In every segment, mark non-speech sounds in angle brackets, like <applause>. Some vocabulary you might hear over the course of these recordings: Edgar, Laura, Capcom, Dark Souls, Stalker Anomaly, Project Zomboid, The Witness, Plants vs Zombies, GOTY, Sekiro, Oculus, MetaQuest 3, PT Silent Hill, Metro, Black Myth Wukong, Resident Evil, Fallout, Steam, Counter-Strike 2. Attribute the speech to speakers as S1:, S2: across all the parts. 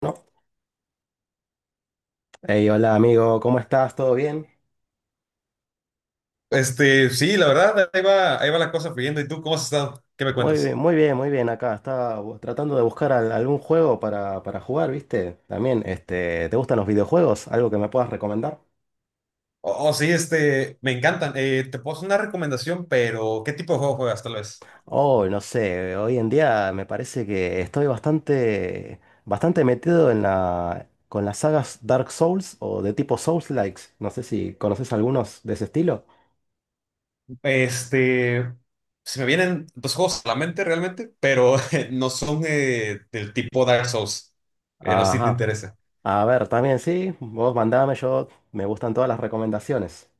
S1: ¿No? Hey, hola amigo, ¿cómo estás? ¿Todo bien?
S2: Este, sí, la verdad, ahí va la cosa fluyendo. ¿Y tú cómo has estado? ¿Qué me
S1: Muy bien,
S2: cuentas?
S1: muy bien, muy bien. Acá estaba tratando de buscar algún juego para jugar, ¿viste? También, este, ¿te gustan los videojuegos? ¿Algo que me puedas recomendar?
S2: Oh, oh, sí, este, me encantan. Te puedo hacer una recomendación, pero ¿qué tipo de juego juegas tal vez?
S1: Oh, no sé, hoy en día me parece que estoy bastante metido en con las sagas Dark Souls o de tipo Souls-likes. No sé si conoces algunos de ese estilo.
S2: Este, se me vienen dos juegos a la mente realmente, pero <laughs> no son del tipo Dark Souls. No sé si te
S1: Ajá.
S2: interesa.
S1: A ver, también sí, vos mandame, yo me gustan todas las recomendaciones.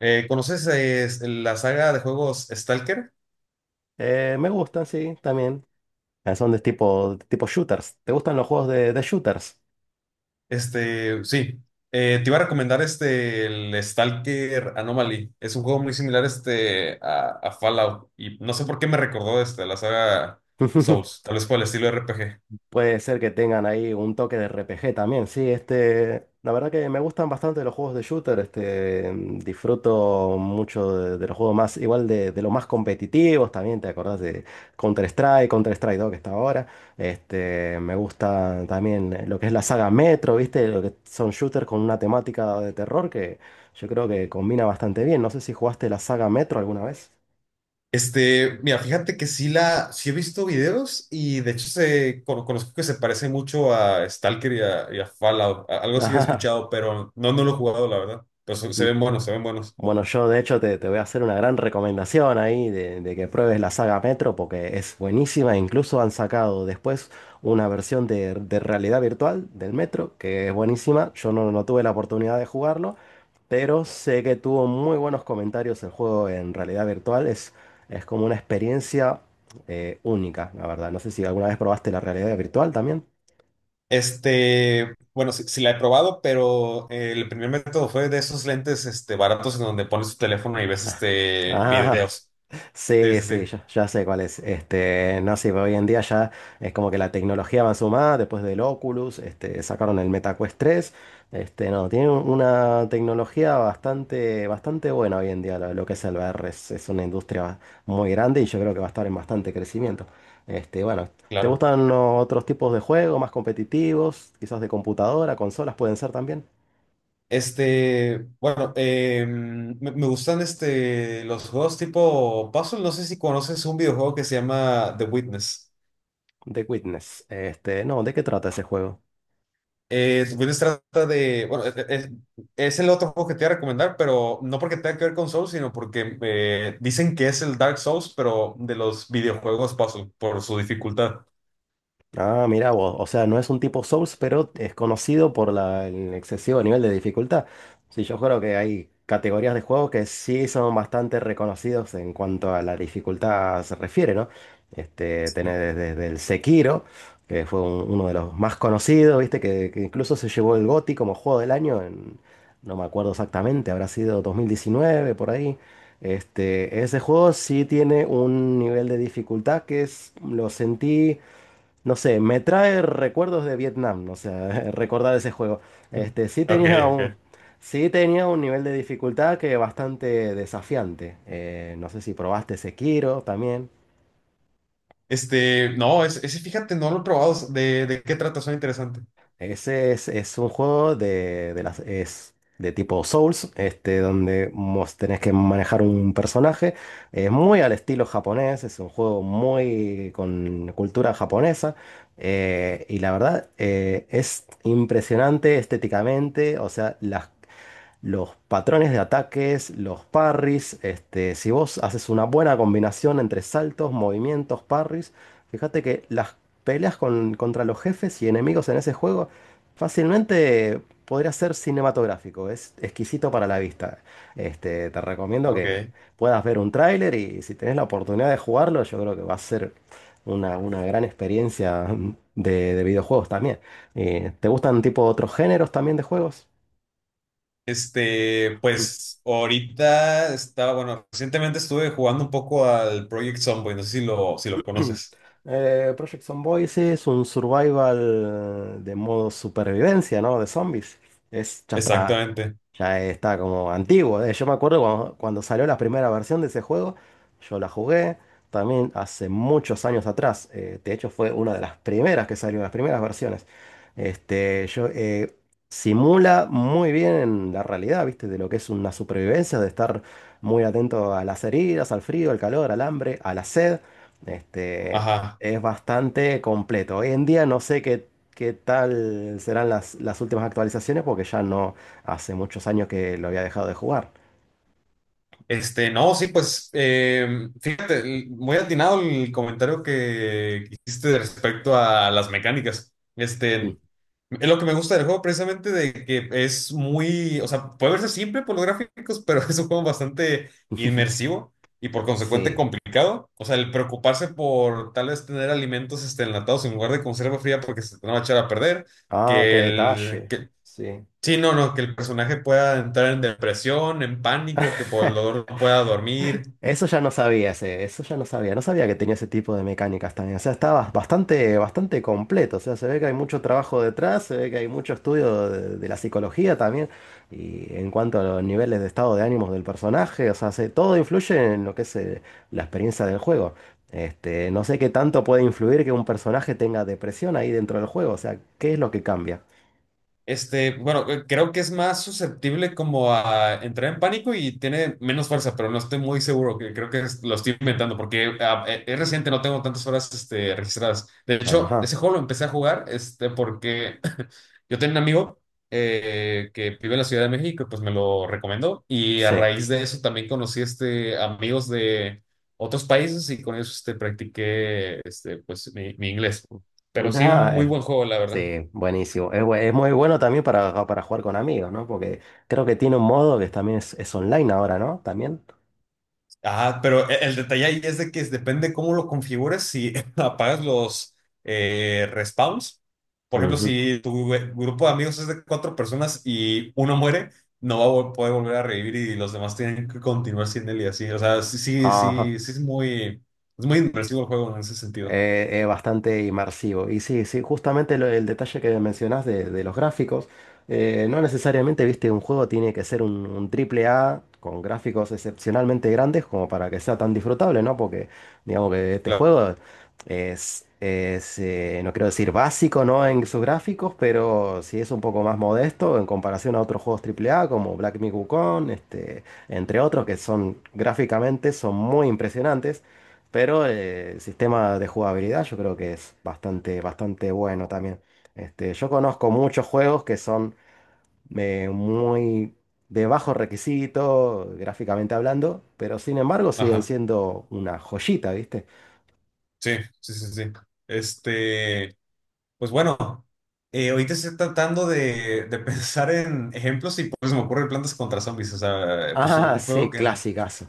S2: ¿Conoces la saga de juegos Stalker?
S1: Me gustan, sí, también. Ah, son de tipo, tipo shooters. ¿Te gustan los juegos de shooters?
S2: Este, sí. Te iba a recomendar este, el Stalker Anomaly. Es un juego muy similar este, a Fallout. Y no sé por qué me recordó este, la saga
S1: <laughs>
S2: Souls. Tal vez por el estilo RPG.
S1: Puede ser que tengan ahí un toque de RPG también. Sí, este, la verdad que me gustan bastante los juegos de shooter. Este, disfruto mucho de los juegos más, igual de los más competitivos también. ¿Te acordás de Counter-Strike, Counter-Strike 2 que está ahora? Este, me gusta también lo que es la saga Metro, ¿viste? Lo que son shooters con una temática de terror que yo creo que combina bastante bien. No sé si jugaste la saga Metro alguna vez.
S2: Este, mira, fíjate que sí he visto videos y de hecho conozco que se parece mucho a Stalker y a Fallout. Algo sí he escuchado,
S1: <laughs>
S2: pero no, no lo he jugado, la verdad. Pero se
S1: Mm.
S2: ven buenos, se ven buenos.
S1: Bueno, yo de hecho te voy a hacer una gran recomendación ahí de que pruebes la saga Metro porque es buenísima. Incluso han sacado después una versión de realidad virtual del Metro que es buenísima. Yo no tuve la oportunidad de jugarlo, pero sé que tuvo muy buenos comentarios el juego en realidad virtual. Es como una experiencia única, la verdad. No sé si alguna vez probaste la realidad virtual también.
S2: Este, bueno, sí, sí la he probado, pero el primer método fue de esos lentes este, baratos en donde pones tu teléfono y ves
S1: <laughs>
S2: este,
S1: Ah,
S2: videos. Sí,
S1: sí,
S2: sí, sí,
S1: sí, ya sé cuál es. Este, no sé, pero hoy en día ya es como que la tecnología avanzó más, después del Oculus, este, sacaron el MetaQuest 3. Este, no, tiene una tecnología bastante buena hoy en día lo que es el VR. Es una industria muy grande y yo creo que va a estar en bastante crecimiento. Este, bueno, ¿te
S2: claro.
S1: gustan los otros tipos de juegos más competitivos? Quizás de computadora, consolas pueden ser también.
S2: Este, bueno, me gustan este, los juegos tipo puzzle. No sé si conoces un videojuego que se llama The Witness.
S1: The Witness. Este, no, ¿de qué trata ese juego?
S2: Witness trata de, bueno, es el otro juego que te voy a recomendar, pero no porque tenga que ver con Souls, sino porque dicen que es el Dark Souls, pero de los videojuegos puzzle, por su dificultad.
S1: Ah, mira vos, o sea, no es un tipo Souls, pero es conocido por el excesivo nivel de dificultad. Sí, yo creo que hay categorías de juegos que sí son bastante reconocidos en cuanto a la dificultad se refiere, ¿no? Este, tenés desde el Sekiro, que fue uno de los más conocidos, ¿viste? Que incluso se llevó el GOTY como juego del año en- no me acuerdo exactamente, habrá sido 2019, por ahí. Este, ese juego sí tiene un nivel de dificultad que es, lo sentí. No sé, me trae recuerdos de Vietnam, o sea, <laughs> recordar ese juego. Este,
S2: Ok, ok.
S1: sí tenía un nivel de dificultad que bastante desafiante. No sé si probaste Sekiro también.
S2: Este, no, ese, fíjate, no lo he probado. ¿De qué trata? Suena interesante.
S1: Ese es un juego de, es de tipo Souls, este, donde tenés que manejar un personaje. Es muy al estilo japonés, es un juego muy con cultura japonesa. Y la verdad, es impresionante estéticamente. O sea, las los patrones de ataques, los parries. Este, si vos haces una buena combinación entre saltos, movimientos, parries, fíjate que las peleas contra los jefes y enemigos en ese juego fácilmente podría ser cinematográfico. Es exquisito para la vista. Este, te recomiendo
S2: Ok.
S1: que puedas ver un tráiler y si tenés la oportunidad de jugarlo, yo creo que va a ser una gran experiencia de videojuegos también. ¿Te gustan tipo otros géneros también de juegos?
S2: Este, pues ahorita estaba, bueno, recientemente estuve jugando un poco al Project Zomboid, no sé si lo
S1: <clears throat>
S2: conoces.
S1: Project Zomboid es un survival de modo supervivencia, ¿no? De zombies. Es,
S2: Exactamente.
S1: ya está como antiguo. Yo me acuerdo cuando salió la primera versión de ese juego, yo la jugué también hace muchos años atrás. De hecho, fue una de las primeras que salió, las primeras versiones. Este, yo, simula muy bien la realidad, ¿viste? De lo que es una supervivencia, de estar muy atento a las heridas, al frío, al calor, al hambre, a la sed. Este,
S2: Ajá.
S1: es bastante completo. Hoy en día no sé qué tal serán las últimas actualizaciones porque ya no hace muchos años que lo había dejado de jugar.
S2: Este, no, sí, pues fíjate, muy atinado el comentario que hiciste respecto a las mecánicas.
S1: Mm.
S2: Este, es lo que me gusta del juego precisamente de que es muy, o sea, puede verse simple por los gráficos, pero <laughs> es un juego bastante
S1: <laughs>
S2: inmersivo y por consecuente
S1: Sí.
S2: complicado. O sea, el preocuparse por tal vez tener alimentos este, enlatados en lugar de conserva fría porque se te van a echar a perder,
S1: Ah, qué
S2: que, el,
S1: detalle.
S2: que
S1: Sí.
S2: sí, no, no, que el personaje pueda entrar en depresión, en pánico, que por el
S1: <laughs>
S2: dolor no pueda dormir.
S1: Eso ya no sabía, eso ya no sabía, no sabía que tenía ese tipo de mecánicas también. O sea, estaba bastante completo. O sea, se ve que hay mucho trabajo detrás, se ve que hay mucho estudio de la psicología también. Y en cuanto a los niveles de estado de ánimos del personaje, o sea, todo influye en lo que es la experiencia del juego. Este, no sé qué tanto puede influir que un personaje tenga depresión ahí dentro del juego. O sea, ¿qué es lo que cambia?
S2: Este, bueno, creo que es más susceptible como a entrar en pánico y tiene menos fuerza, pero no estoy muy seguro, que creo que lo estoy inventando porque es reciente, no tengo tantas horas este, registradas. De hecho,
S1: Ajá,
S2: ese juego lo empecé a jugar este, porque <laughs> yo tenía un amigo que vive en la Ciudad de México, pues me lo recomendó y a
S1: sí.
S2: raíz de eso también conocí este, amigos de otros países y con ellos este, practiqué este, pues, mi inglés. Pero sí, un muy buen
S1: <laughs>
S2: juego, la verdad.
S1: Sí, buenísimo. Es, es muy bueno también para jugar con amigos, ¿no? Porque creo que tiene un modo que también es online ahora, ¿no? También.
S2: Ah, pero el detalle ahí es de que depende cómo lo configures, si <laughs> apagas los respawns. Por ejemplo,
S1: Ujú.
S2: si tu grupo de amigos es de cuatro personas y uno muere, no va a poder volver a revivir y los demás tienen que continuar sin él y así. O sea, sí, sí,
S1: Ajá.
S2: sí, sí es muy inmersivo el juego en ese sentido.
S1: Bastante inmersivo. Y sí, sí, justamente el detalle que mencionás de los gráficos, no necesariamente, viste, un juego tiene que ser un triple A con gráficos excepcionalmente grandes como para que sea tan disfrutable, ¿no? Porque digamos que este
S2: Claro.
S1: juego no quiero decir básico, ¿no? En sus gráficos, pero sí es un poco más modesto en comparación a otros juegos triple A como Black Myth Wukong, este, entre otros que son gráficamente son muy impresionantes. Pero el sistema de jugabilidad yo creo que es bastante bueno también. Este, yo conozco muchos juegos que son muy de bajo requisito, gráficamente hablando, pero sin embargo siguen
S2: Ajá.
S1: siendo una joyita, ¿viste?
S2: Sí, sí, sí, sí. Este. Pues bueno, ahorita estoy tratando de <laughs> pensar en ejemplos y pues se me ocurre plantas contra zombies. O sea, pues
S1: Ah,
S2: un juego
S1: sí,
S2: que...
S1: clasicas.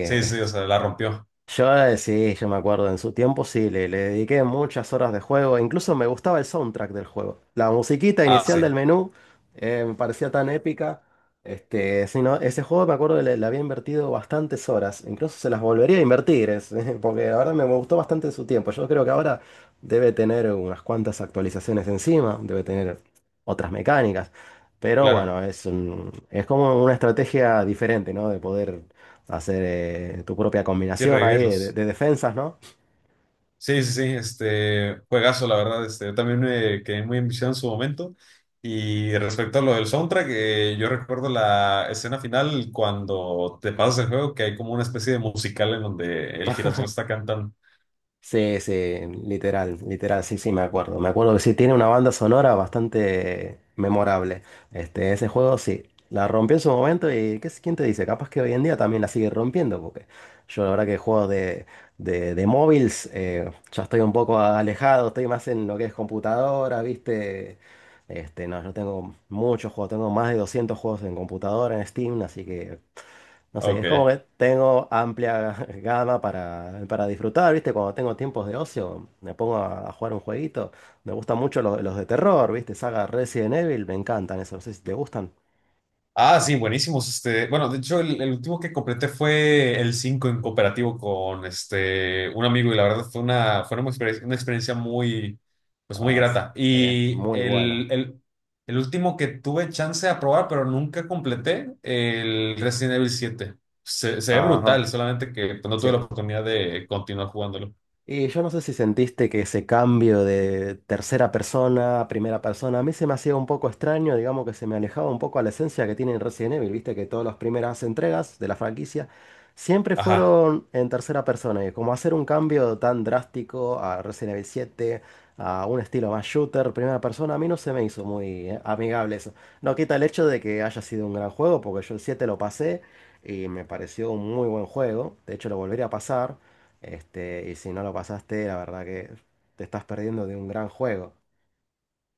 S2: Sí, sí, o sea, la rompió.
S1: Yo sí, yo me acuerdo, en su tiempo sí, le dediqué muchas horas de juego, incluso me gustaba el soundtrack del juego. La musiquita
S2: Ah,
S1: inicial
S2: sí,
S1: del menú me parecía tan épica. Este, sí, no, ese juego me acuerdo que le había invertido bastantes horas, incluso se las volvería a invertir, <laughs> porque la verdad me gustó bastante en su tiempo. Yo creo que ahora debe tener unas cuantas actualizaciones encima, debe tener otras mecánicas, pero
S2: claro.
S1: bueno, es, es como una estrategia diferente, ¿no? De poder hacer tu propia
S2: Sí,
S1: combinación ahí de, de
S2: revivirlos.
S1: de defensas, ¿no?
S2: Sí, sí, sí, este, juegazo, la verdad. Este, yo también me quedé muy enviciado en su momento. Y respecto a lo del soundtrack, yo recuerdo la escena final cuando te pasas el juego, que hay como una especie de musical en donde el girasol está cantando.
S1: Sí, sí, literal, literal, sí, sí, me acuerdo. Me acuerdo que sí, tiene una banda sonora bastante memorable. Este, ese juego sí, la rompió en su momento y ¿qué, quién te dice? Capaz que hoy en día también la sigue rompiendo, porque yo la verdad que juego de móviles, ya estoy un poco alejado, estoy más en lo que es computadora, ¿viste? Este, no, yo tengo muchos juegos, tengo más de 200 juegos en computadora, en Steam, así que, no sé,
S2: Ok.
S1: es como que tengo amplia <laughs> gama para disfrutar, ¿viste? Cuando tengo tiempos de ocio, me pongo a jugar un jueguito. Me gustan mucho los de terror, ¿viste? Saga Resident Evil, me encantan esos, no sé si te gustan.
S2: Ah, sí, buenísimos. Este, bueno, de hecho, el último que completé fue el 5 en cooperativo con este un amigo, y la verdad una experiencia muy, pues muy
S1: Ah, sí,
S2: grata.
S1: es
S2: Y
S1: muy
S2: el,
S1: bueno.
S2: el, el último que tuve chance de probar, pero nunca completé, el Resident Evil 7. Se ve
S1: Ajá,
S2: brutal, solamente que pues, no tuve la
S1: sí.
S2: oportunidad de continuar jugándolo.
S1: Y yo no sé si sentiste que ese cambio de tercera persona a primera persona, a mí se me hacía un poco extraño, digamos que se me alejaba un poco a la esencia que tiene Resident Evil, viste que todas las primeras entregas de la franquicia siempre
S2: Ajá.
S1: fueron en tercera persona, y como hacer un cambio tan drástico a Resident Evil 7 a un estilo más shooter, primera persona, a mí no se me hizo muy amigable eso. No quita el hecho de que haya sido un gran juego, porque yo el 7 lo pasé y me pareció un muy buen juego, de hecho lo volvería a pasar. Este, y si no lo pasaste, la verdad que te estás perdiendo de un gran juego.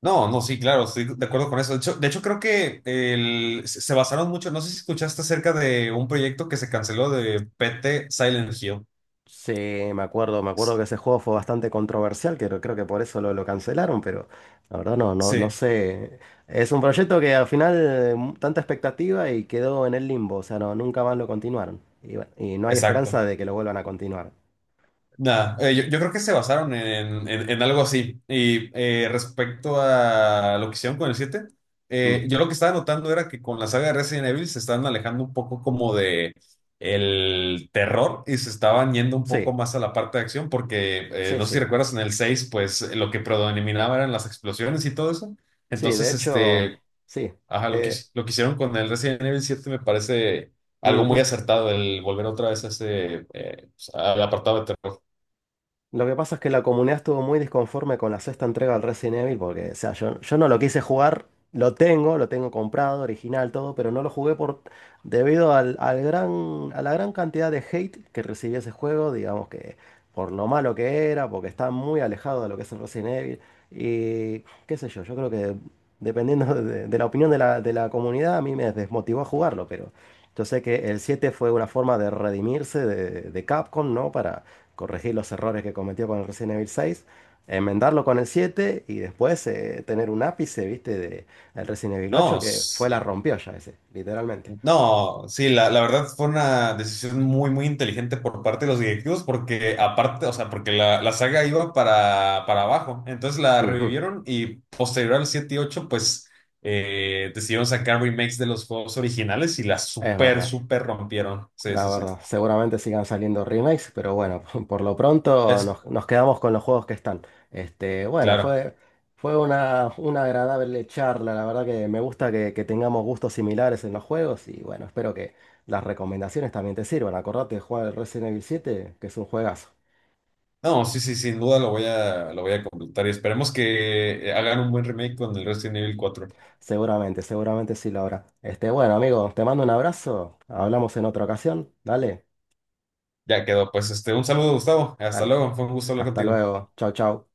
S2: No, no, sí, claro, estoy de acuerdo con eso. De hecho, creo que se basaron mucho, no sé si escuchaste acerca de un proyecto que se canceló de PT Silent Hill.
S1: Sí, me acuerdo que ese juego fue bastante controversial, que creo que por eso lo cancelaron, pero la verdad no, no, no
S2: Sí,
S1: sé. Es un proyecto que al final tanta expectativa y quedó en el limbo, o sea, no, nunca más lo continuaron. Y bueno, y no hay
S2: exacto.
S1: esperanza de que lo vuelvan a continuar.
S2: Nada, yo creo que se basaron en algo así. Y respecto a lo que hicieron con el 7
S1: Mm.
S2: yo lo que estaba notando era que con la saga de Resident Evil se están alejando un poco como de el terror y se estaban yendo un
S1: Sí,
S2: poco más a la parte de acción, porque
S1: sí,
S2: no sé si
S1: sí.
S2: recuerdas en el 6 pues lo que predominaba eran las explosiones y todo eso.
S1: Sí, de
S2: Entonces,
S1: hecho,
S2: este,
S1: sí.
S2: ajá,
S1: Eh,
S2: lo que hicieron con el Resident Evil 7 me parece algo muy
S1: ujú.
S2: acertado, el volver otra vez a ese, pues, al apartado de terror.
S1: Lo que pasa es que la comunidad estuvo muy disconforme con la sexta entrega del Resident Evil porque, o sea, yo no lo quise jugar, lo tengo comprado, original, todo, pero no lo jugué por, debido al, al gran, a la gran cantidad de hate que recibió ese juego, digamos que por lo malo que era, porque está muy alejado de lo que es el Resident Evil y qué sé yo, yo creo que dependiendo <laughs> de la opinión de de la comunidad a mí me desmotivó a jugarlo, pero yo sé que el 7 fue una forma de redimirse de Capcom, ¿no? Corregir los errores que cometió con el Resident Evil 6, enmendarlo con el 7 y después tener un ápice, viste, de el Resident Evil
S2: No,
S1: 8 que fue la rompió ya ese, literalmente.
S2: no, sí, la verdad fue una decisión muy, muy inteligente por parte de los directivos porque aparte, o sea, porque la saga iba para abajo, entonces la
S1: Ujú.
S2: revivieron y posterior al 7 y 8 pues decidieron sacar remakes de los juegos originales y la
S1: Es
S2: súper,
S1: verdad,
S2: súper rompieron. Sí,
S1: la
S2: sí, sí.
S1: verdad. Seguramente sigan saliendo remakes, pero bueno, <laughs> por lo pronto
S2: Es
S1: nos, nos quedamos con los juegos que están. Este, bueno,
S2: claro.
S1: fue, fue una agradable charla. La verdad que me gusta que tengamos gustos similares en los juegos y bueno, espero que las recomendaciones también te sirvan. Acordate de jugar el Resident Evil 7, que es un juegazo.
S2: No, sí, sí, sin duda lo voy a completar y esperemos que hagan un buen remake con el Resident Evil 4.
S1: Seguramente, seguramente sí, Laura. Este, bueno, amigo, te mando un abrazo. Hablamos en otra ocasión. Dale,
S2: Ya quedó, pues este, un saludo, Gustavo. Hasta
S1: dale.
S2: luego, fue un gusto hablar
S1: Hasta
S2: contigo.
S1: luego. Chau, chau.